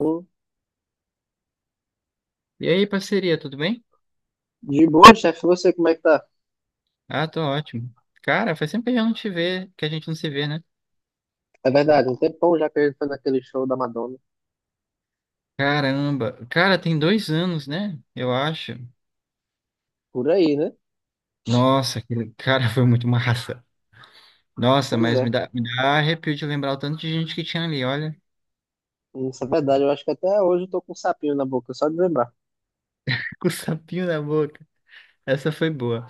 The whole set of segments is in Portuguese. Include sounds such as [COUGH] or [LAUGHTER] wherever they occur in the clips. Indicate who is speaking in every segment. Speaker 1: Hum,
Speaker 2: E aí, parceria, tudo bem?
Speaker 1: De boa, chefe, você como é que tá?
Speaker 2: Ah, tô ótimo. Cara, faz tempo que a gente não te vê, que a gente não se vê, né?
Speaker 1: É verdade, um tempão já que a gente foi naquele show da Madonna.
Speaker 2: Caramba, cara, tem dois anos, né? Eu acho.
Speaker 1: Por aí, né?
Speaker 2: Nossa, aquele [LAUGHS] cara foi muito massa. Nossa,
Speaker 1: Pois
Speaker 2: mas me
Speaker 1: é.
Speaker 2: dá, me dá arrepio de lembrar o tanto de gente que tinha ali, olha.
Speaker 1: Isso é verdade, eu acho que até hoje eu tô com um sapinho na boca, só de lembrar.
Speaker 2: [LAUGHS] Com o sapinho na boca. Essa foi boa.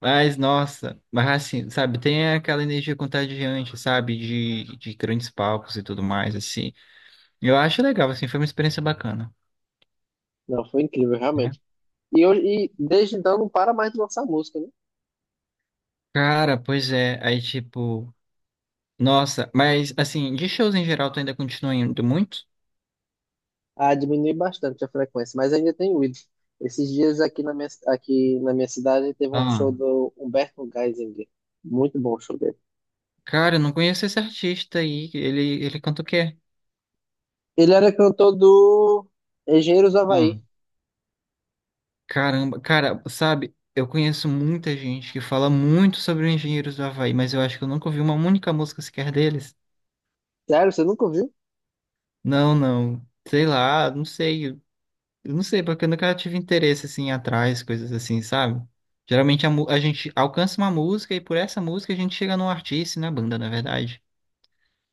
Speaker 2: Mas, nossa, mas assim, sabe, tem aquela energia contagiante, sabe? De grandes palcos e tudo mais, assim. Eu acho legal, assim, foi uma experiência bacana,
Speaker 1: Não, foi incrível,
Speaker 2: né?
Speaker 1: realmente. E, hoje, e desde então não para mais de lançar música, né?
Speaker 2: Cara, pois é. Aí, tipo. Nossa, mas assim, de shows em geral, tu ainda continua indo muito?
Speaker 1: Ah, diminui bastante a frequência, mas ainda tem ido. Esses dias aqui na minha cidade teve um show
Speaker 2: Ah,
Speaker 1: do Humberto Geisinger. Muito bom o show dele.
Speaker 2: cara, eu não conheço esse artista aí. Ele canta o quê?
Speaker 1: Ele era cantor do Engenheiros do
Speaker 2: Ah,
Speaker 1: Havaí.
Speaker 2: caramba, cara, sabe, eu conheço muita gente que fala muito sobre os Engenheiros do Havaí, mas eu acho que eu nunca ouvi uma única música sequer deles.
Speaker 1: Sério, você nunca ouviu?
Speaker 2: Não, não. Sei lá, não sei. Eu não sei, porque eu nunca tive interesse assim atrás, coisas assim, sabe? Geralmente a gente alcança uma música e por essa música a gente chega num artista e na banda, na verdade.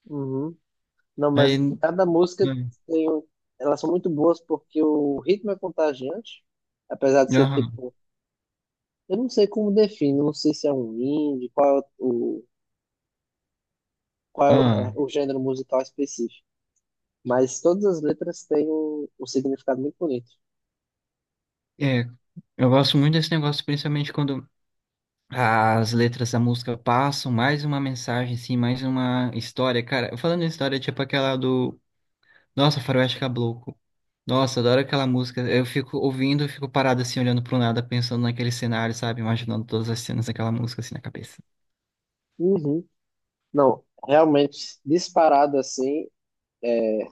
Speaker 1: Uhum. Não,
Speaker 2: Aí.
Speaker 1: mas cada música tem um... Elas são muito boas porque o ritmo é contagiante, apesar de ser
Speaker 2: Aham.
Speaker 1: tipo. Eu não sei como define, não sei se é um indie, qual é
Speaker 2: Aham.
Speaker 1: o gênero musical específico. Mas todas as letras têm um, um significado muito bonito.
Speaker 2: É, eu gosto muito desse negócio, principalmente quando as letras da música passam mais uma mensagem, assim, mais uma história. Cara, falando em história, tipo aquela do. Nossa, Faroeste Caboclo. Nossa, adoro aquela música. Eu fico ouvindo, eu fico parado assim, olhando pro nada, pensando naquele cenário, sabe? Imaginando todas as cenas daquela música assim na cabeça.
Speaker 1: Uhum. Não, realmente, disparado assim, é,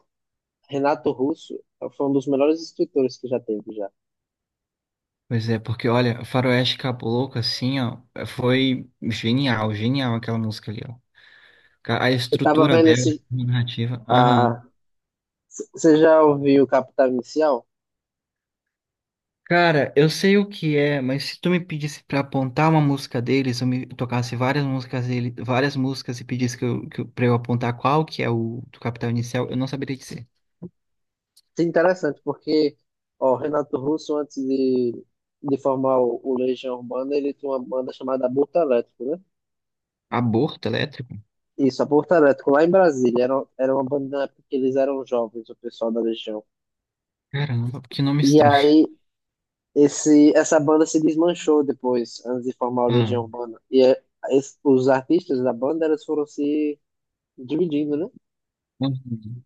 Speaker 1: Renato Russo foi um dos melhores escritores que já teve já.
Speaker 2: Pois é, porque olha, Faroeste Caboclo, assim, ó, foi genial, genial aquela música ali, ó. A
Speaker 1: Eu tava
Speaker 2: estrutura
Speaker 1: vendo
Speaker 2: dela,
Speaker 1: esse.
Speaker 2: a narrativa.
Speaker 1: Ah,
Speaker 2: Aham.
Speaker 1: você já ouviu Capital Inicial?
Speaker 2: Cara, eu sei o que é, mas se tu me pedisse pra apontar uma música deles, eu me tocasse várias músicas dele, várias músicas e pedisse pra eu apontar qual que é o do Capital Inicial, eu não saberia dizer.
Speaker 1: Sim, interessante, porque ó, o Renato Russo, antes de formar o Legião Urbana, ele tinha uma banda chamada Aborto Elétrico, né?
Speaker 2: Aborto elétrico?
Speaker 1: Isso, Aborto Elétrico, lá em Brasília. Era, era uma banda na época que eles eram jovens, o pessoal da Legião.
Speaker 2: Caramba, que nome
Speaker 1: E
Speaker 2: estranho.
Speaker 1: aí,
Speaker 2: [LAUGHS]
Speaker 1: esse, essa banda se desmanchou depois, antes de formar o
Speaker 2: Ah,
Speaker 1: Legião Urbana. E é, os artistas da banda, eles foram se dividindo, né?
Speaker 2: uhum,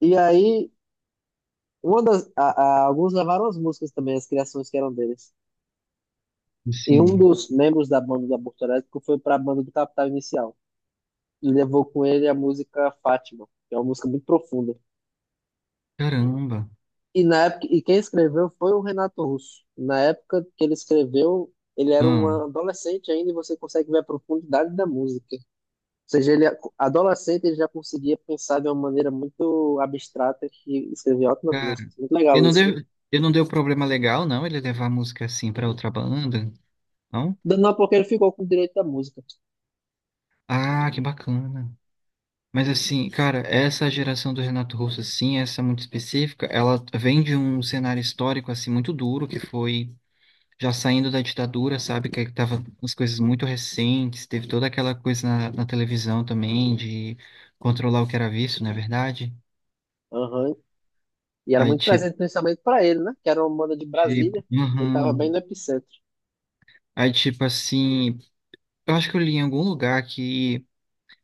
Speaker 1: E aí, uma das, a, alguns levaram as músicas também, as criações que eram deles. E um
Speaker 2: assim,
Speaker 1: dos membros da banda do Aborto Elétrico foi para a banda do Capital Inicial. E levou com ele a música Fátima, que é uma música muito profunda.
Speaker 2: caramba.
Speaker 1: E na época, e quem escreveu foi o Renato Russo. Na época que ele escreveu, ele era um
Speaker 2: Ah,
Speaker 1: adolescente ainda e você consegue ver a profundidade da música. Ou seja, ele adolescente ele já conseguia pensar de uma maneira muito abstrata que escrevia ótimas
Speaker 2: cara.
Speaker 1: músicas. Muito
Speaker 2: Ele
Speaker 1: legal
Speaker 2: não
Speaker 1: isso,
Speaker 2: deu, ele não deu problema legal, não, ele levar a música assim pra outra banda, não?
Speaker 1: né? Não, porque ele ficou com o direito da música.
Speaker 2: Ah, que bacana. Mas assim, cara, essa geração do Renato Russo, assim, essa muito específica, ela vem de um cenário histórico, assim, muito duro, que foi já saindo da ditadura, sabe? Que tava as coisas muito recentes, teve toda aquela coisa na televisão também, de controlar o que era visto, não é verdade?
Speaker 1: Aham, e era
Speaker 2: Aí,
Speaker 1: muito
Speaker 2: tipo,
Speaker 1: presente principalmente para ele, né? Que era uma banda de
Speaker 2: tipo,
Speaker 1: Brasília. Ele tava bem no
Speaker 2: uhum.
Speaker 1: epicentro.
Speaker 2: Aí, tipo, assim, eu acho que eu li em algum lugar que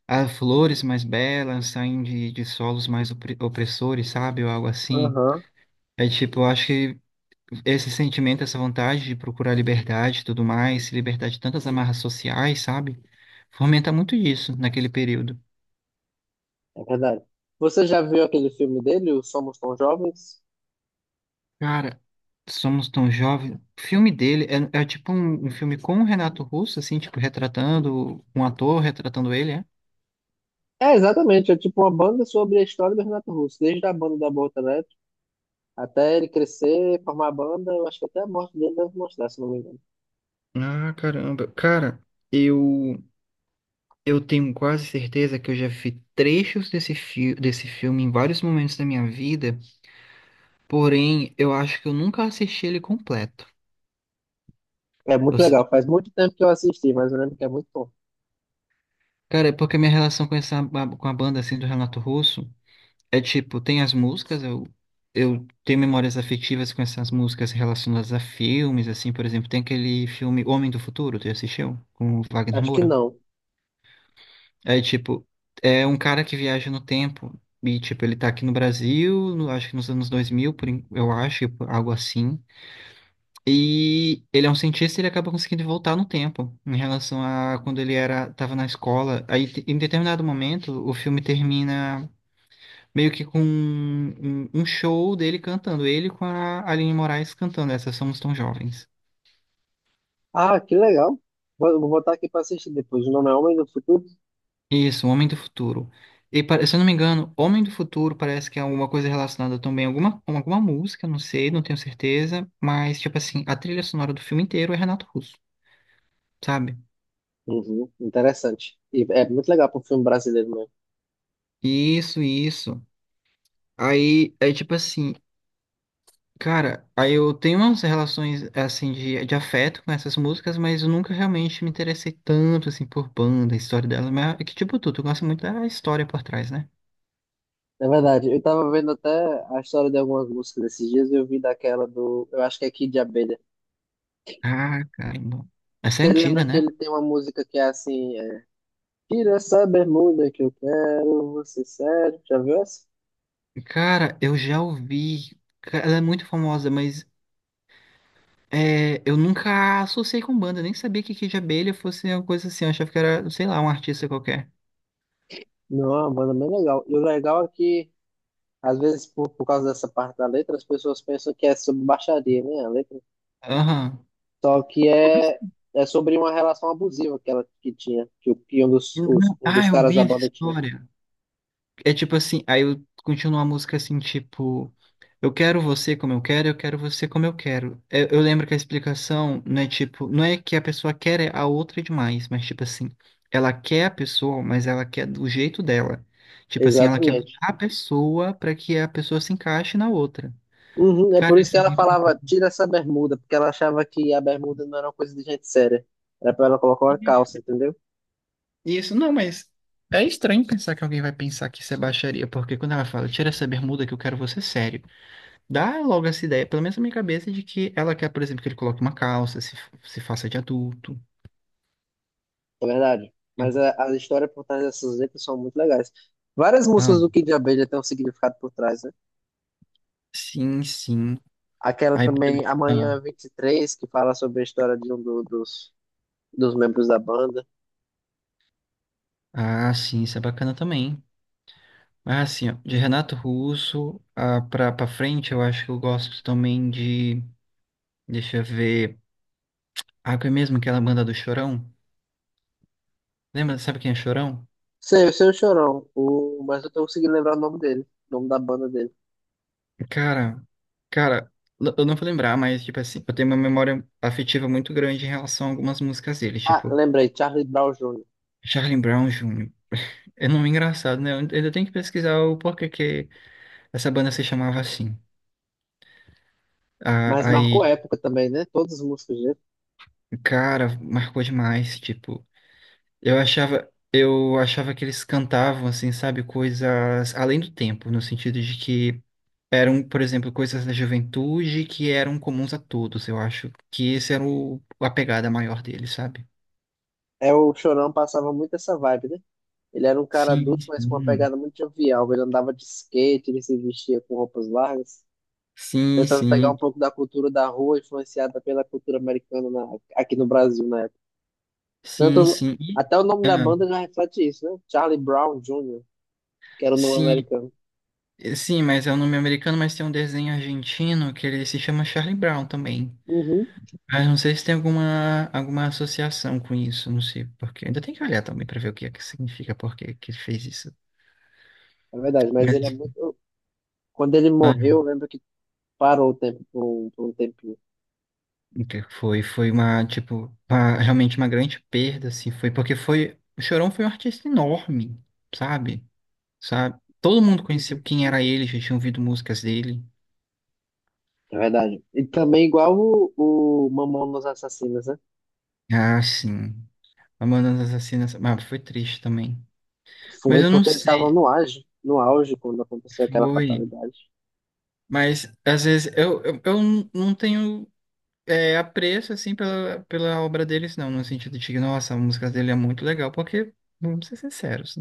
Speaker 2: as flores mais belas saem de solos mais opressores, sabe? Ou algo assim.
Speaker 1: Aham,
Speaker 2: É tipo, eu acho que esse sentimento, essa vontade de procurar liberdade e tudo mais, se libertar de tantas amarras sociais, sabe? Fomenta muito isso naquele período.
Speaker 1: é verdade. Você já viu aquele filme dele, o Somos Tão Jovens?
Speaker 2: Cara, Somos Tão Jovens. O filme dele é, é tipo um filme com o Renato Russo, assim, tipo, retratando um ator, retratando ele, é?
Speaker 1: É, exatamente. É tipo uma banda sobre a história do Renato Russo, desde a banda da Boca Elétrica até ele crescer, formar a banda. Eu acho que até a morte dele deve mostrar, se não me engano.
Speaker 2: Ah, caramba. Cara, eu eu tenho quase certeza que eu já vi trechos desse filme em vários momentos da minha vida, porém, eu acho que eu nunca assisti ele completo.
Speaker 1: É muito
Speaker 2: Eu
Speaker 1: legal. Faz muito tempo que eu assisti, mas eu lembro que é muito bom.
Speaker 2: Cara, é porque a minha relação com com a banda assim do Renato Russo é tipo, tem as músicas, eu tenho memórias afetivas com essas músicas relacionadas a filmes, assim, por exemplo, tem aquele filme Homem do Futuro, tu já assistiu? Com o Wagner
Speaker 1: Acho que
Speaker 2: Moura.
Speaker 1: não.
Speaker 2: É tipo, é um cara que viaja no tempo e tipo, ele tá aqui no Brasil, acho que nos anos 2000 eu acho, algo assim. E ele é um cientista, ele acaba conseguindo voltar no tempo, em relação a quando ele era, estava na escola. Aí, em determinado momento, o filme termina meio que com um show dele cantando, ele com a Aline Moraes cantando essa Somos Tão Jovens.
Speaker 1: Ah, que legal. Vou, vou botar aqui pra assistir depois. O nome é Homem do Futuro?
Speaker 2: Isso, Homem do Futuro. E, se eu não me engano, Homem do Futuro parece que é alguma coisa relacionada também a alguma, com alguma música, não sei, não tenho certeza, mas, tipo assim, a trilha sonora do filme inteiro é Renato Russo, sabe?
Speaker 1: Uhum, interessante. E é muito legal para um filme brasileiro mesmo.
Speaker 2: Isso, isso. Aí é tipo assim. Cara, aí eu tenho umas relações assim de afeto com essas músicas, mas eu nunca realmente me interessei tanto assim por banda, a história dela, mas é que tipo tu, tu gosta muito da história por trás, né?
Speaker 1: É verdade, eu tava vendo até a história de algumas músicas esses dias e eu vi daquela do. Eu acho que é Kid de Abelha.
Speaker 2: Ah, caramba. Essa é
Speaker 1: Você lembra
Speaker 2: antiga,
Speaker 1: que
Speaker 2: né?
Speaker 1: ele tem uma música que é assim: é, tira essa bermuda que eu quero, você sério. Já viu essa?
Speaker 2: Cara, eu já ouvi, ela é muito famosa, mas é, eu nunca associei com banda, nem sabia que Kid Abelha fosse uma coisa assim, eu achava que era, sei lá, um artista qualquer.
Speaker 1: Não, é uma banda bem legal. E o legal é que, às vezes, por causa dessa parte da letra, as pessoas pensam que é sobre baixaria, né? A letra.
Speaker 2: Aham.
Speaker 1: Só que é,
Speaker 2: Nossa.
Speaker 1: é sobre uma relação abusiva que ela que tinha, que, que um dos,
Speaker 2: Uhum.
Speaker 1: um
Speaker 2: Ah,
Speaker 1: dos
Speaker 2: eu
Speaker 1: caras
Speaker 2: vi
Speaker 1: da
Speaker 2: essa
Speaker 1: banda tinha.
Speaker 2: história. É tipo assim, aí eu continuo a música assim, tipo, eu quero você como eu quero você como eu quero. Eu lembro que a explicação não é tipo, não é que a pessoa quer é a outra demais, mas tipo assim, ela quer a pessoa, mas ela quer do jeito dela. Tipo assim, ela quer mudar
Speaker 1: Exatamente.
Speaker 2: a pessoa pra que a pessoa se encaixe na outra.
Speaker 1: Uhum, é por
Speaker 2: Cara,
Speaker 1: isso que
Speaker 2: isso é
Speaker 1: ela
Speaker 2: muito bom.
Speaker 1: falava, tira essa bermuda, porque ela achava que a bermuda não era uma coisa de gente séria. Era pra ela colocar uma
Speaker 2: Isso.
Speaker 1: calça, entendeu?
Speaker 2: Isso, não, mas é estranho pensar que alguém vai pensar que isso é baixaria, porque quando ela fala, tira essa bermuda que eu quero você sério. Dá logo essa ideia, pelo menos na minha cabeça, de que ela quer, por exemplo, que ele coloque uma calça, se faça de adulto.
Speaker 1: É verdade.
Speaker 2: Uhum.
Speaker 1: Mas a história por trás dessas letras são muito legais. Várias
Speaker 2: Ah,
Speaker 1: músicas do Kid Abelha têm um significado por trás, né?
Speaker 2: sim, sim.
Speaker 1: Aquela
Speaker 2: Aí, por
Speaker 1: também,
Speaker 2: exemplo, ah,
Speaker 1: Amanhã 23, que fala sobre a história de um dos, dos membros da banda.
Speaker 2: ah, sim, isso é bacana também. Ah, sim, ó, de Renato Russo ah, pra frente, eu acho que eu gosto também de. Deixa eu ver. Ah, que é mesmo aquela banda do Chorão? Lembra? Sabe quem é Chorão?
Speaker 1: Sei, eu sei o Chorão, o, mas eu tô conseguindo lembrar o nome dele, o nome da banda dele.
Speaker 2: Cara, cara, eu não vou lembrar, mas, tipo assim, eu tenho uma memória afetiva muito grande em relação a algumas músicas dele,
Speaker 1: Ah,
Speaker 2: tipo,
Speaker 1: lembrei, Charlie Brown Jr.
Speaker 2: Charlie Brown Jr. É nome engraçado, né? Eu ainda tenho que pesquisar o porquê que essa banda se chamava assim.
Speaker 1: Mas
Speaker 2: Aí,
Speaker 1: marcou época também, né? Todas as músicas dele.
Speaker 2: cara, marcou demais, tipo, eu achava que eles cantavam assim, sabe, coisas além do tempo, no sentido de que eram, por exemplo, coisas da juventude que eram comuns a todos. Eu acho que esse era o a pegada maior deles, sabe?
Speaker 1: É, o Chorão passava muito essa vibe, né? Ele era um cara
Speaker 2: Sim,
Speaker 1: adulto, mas com uma
Speaker 2: sim.
Speaker 1: pegada muito jovial. Ele andava de skate, ele se vestia com roupas largas,
Speaker 2: Sim,
Speaker 1: tentando pegar um
Speaker 2: sim.
Speaker 1: pouco da cultura da rua, influenciada pela cultura americana aqui no Brasil na época.
Speaker 2: Sim,
Speaker 1: Tanto,
Speaker 2: sim. E-
Speaker 1: até o nome da
Speaker 2: ah,
Speaker 1: banda já reflete isso, né? Charlie Brown Jr., que era o nome
Speaker 2: sim.
Speaker 1: americano.
Speaker 2: Sim, mas é um nome americano, mas tem um desenho argentino que ele se chama Charlie Brown também.
Speaker 1: Uhum,
Speaker 2: Mas não sei se tem alguma, alguma associação com isso, não sei porque. Ainda tem que olhar também para ver o que é que significa, por que que ele fez isso.
Speaker 1: é verdade, mas
Speaker 2: Mas
Speaker 1: ele é muito. Quando ele
Speaker 2: ah,
Speaker 1: morreu,
Speaker 2: não.
Speaker 1: eu lembro que parou o tempo por um tempinho.
Speaker 2: O que foi foi uma realmente uma grande perda, assim, foi porque foi o Chorão foi um artista enorme, sabe? Sabe? Todo mundo conheceu
Speaker 1: Uhum.
Speaker 2: quem era ele, já tinha ouvido músicas dele.
Speaker 1: É verdade. E também igual o Mamonas Assassinas, né?
Speaker 2: Ah, sim. Mamonas Assassinas, mas foi triste também. Mas
Speaker 1: Foi
Speaker 2: eu não
Speaker 1: porque eles estavam
Speaker 2: sei.
Speaker 1: no auge, no auge quando aconteceu aquela
Speaker 2: Foi.
Speaker 1: fatalidade.
Speaker 2: Mas às vezes eu não não tenho é, apreço assim pela obra deles, não, no sentido de que, nossa, a música dele é muito legal, porque, vamos ser sinceros,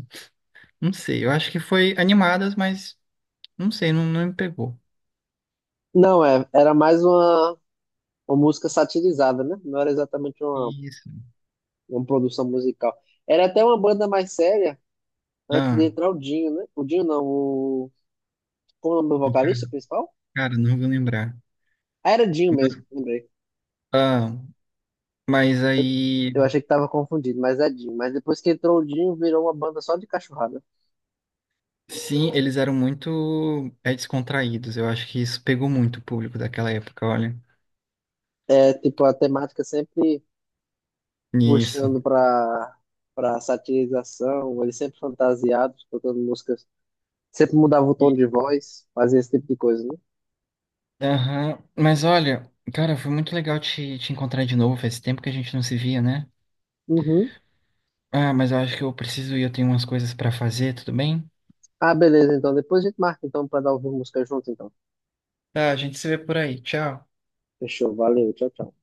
Speaker 2: não sei, eu acho que foi animadas, mas não sei, não, não me pegou.
Speaker 1: Não, é, era mais uma música satirizada, né? Não era exatamente
Speaker 2: Isso.
Speaker 1: uma produção musical. Era até uma banda mais séria antes de
Speaker 2: Ah,
Speaker 1: entrar o Dinho, né? O Dinho não, o. Como é o nome do vocalista
Speaker 2: cara,
Speaker 1: principal?
Speaker 2: cara, não vou lembrar.
Speaker 1: Ah, era Dinho
Speaker 2: Mas-
Speaker 1: mesmo, lembrei.
Speaker 2: Ah, mas aí,
Speaker 1: Eu achei que tava confundido, mas é Dinho. Mas depois que entrou o Dinho, virou uma banda só de cachorrada.
Speaker 2: sim, eles eram muito é, descontraídos. Eu acho que isso pegou muito o público daquela época, olha.
Speaker 1: É, tipo, a temática sempre
Speaker 2: Isso.
Speaker 1: puxando pra, pra satirização, eles sempre fantasiados, tocando músicas. Sempre mudava o tom de voz, fazia esse tipo de coisa, né?
Speaker 2: Aham. Mas olha, cara, foi muito legal te encontrar de novo. Faz tempo que a gente não se via, né?
Speaker 1: Uhum.
Speaker 2: Ah, mas eu acho que eu preciso ir, eu tenho umas coisas pra fazer, tudo bem?
Speaker 1: Ah, beleza, então. Depois a gente marca, então, pra dar ouvir música junto, então.
Speaker 2: Tá, a gente se vê por aí. Tchau.
Speaker 1: Fechou, valeu, tchau, tchau.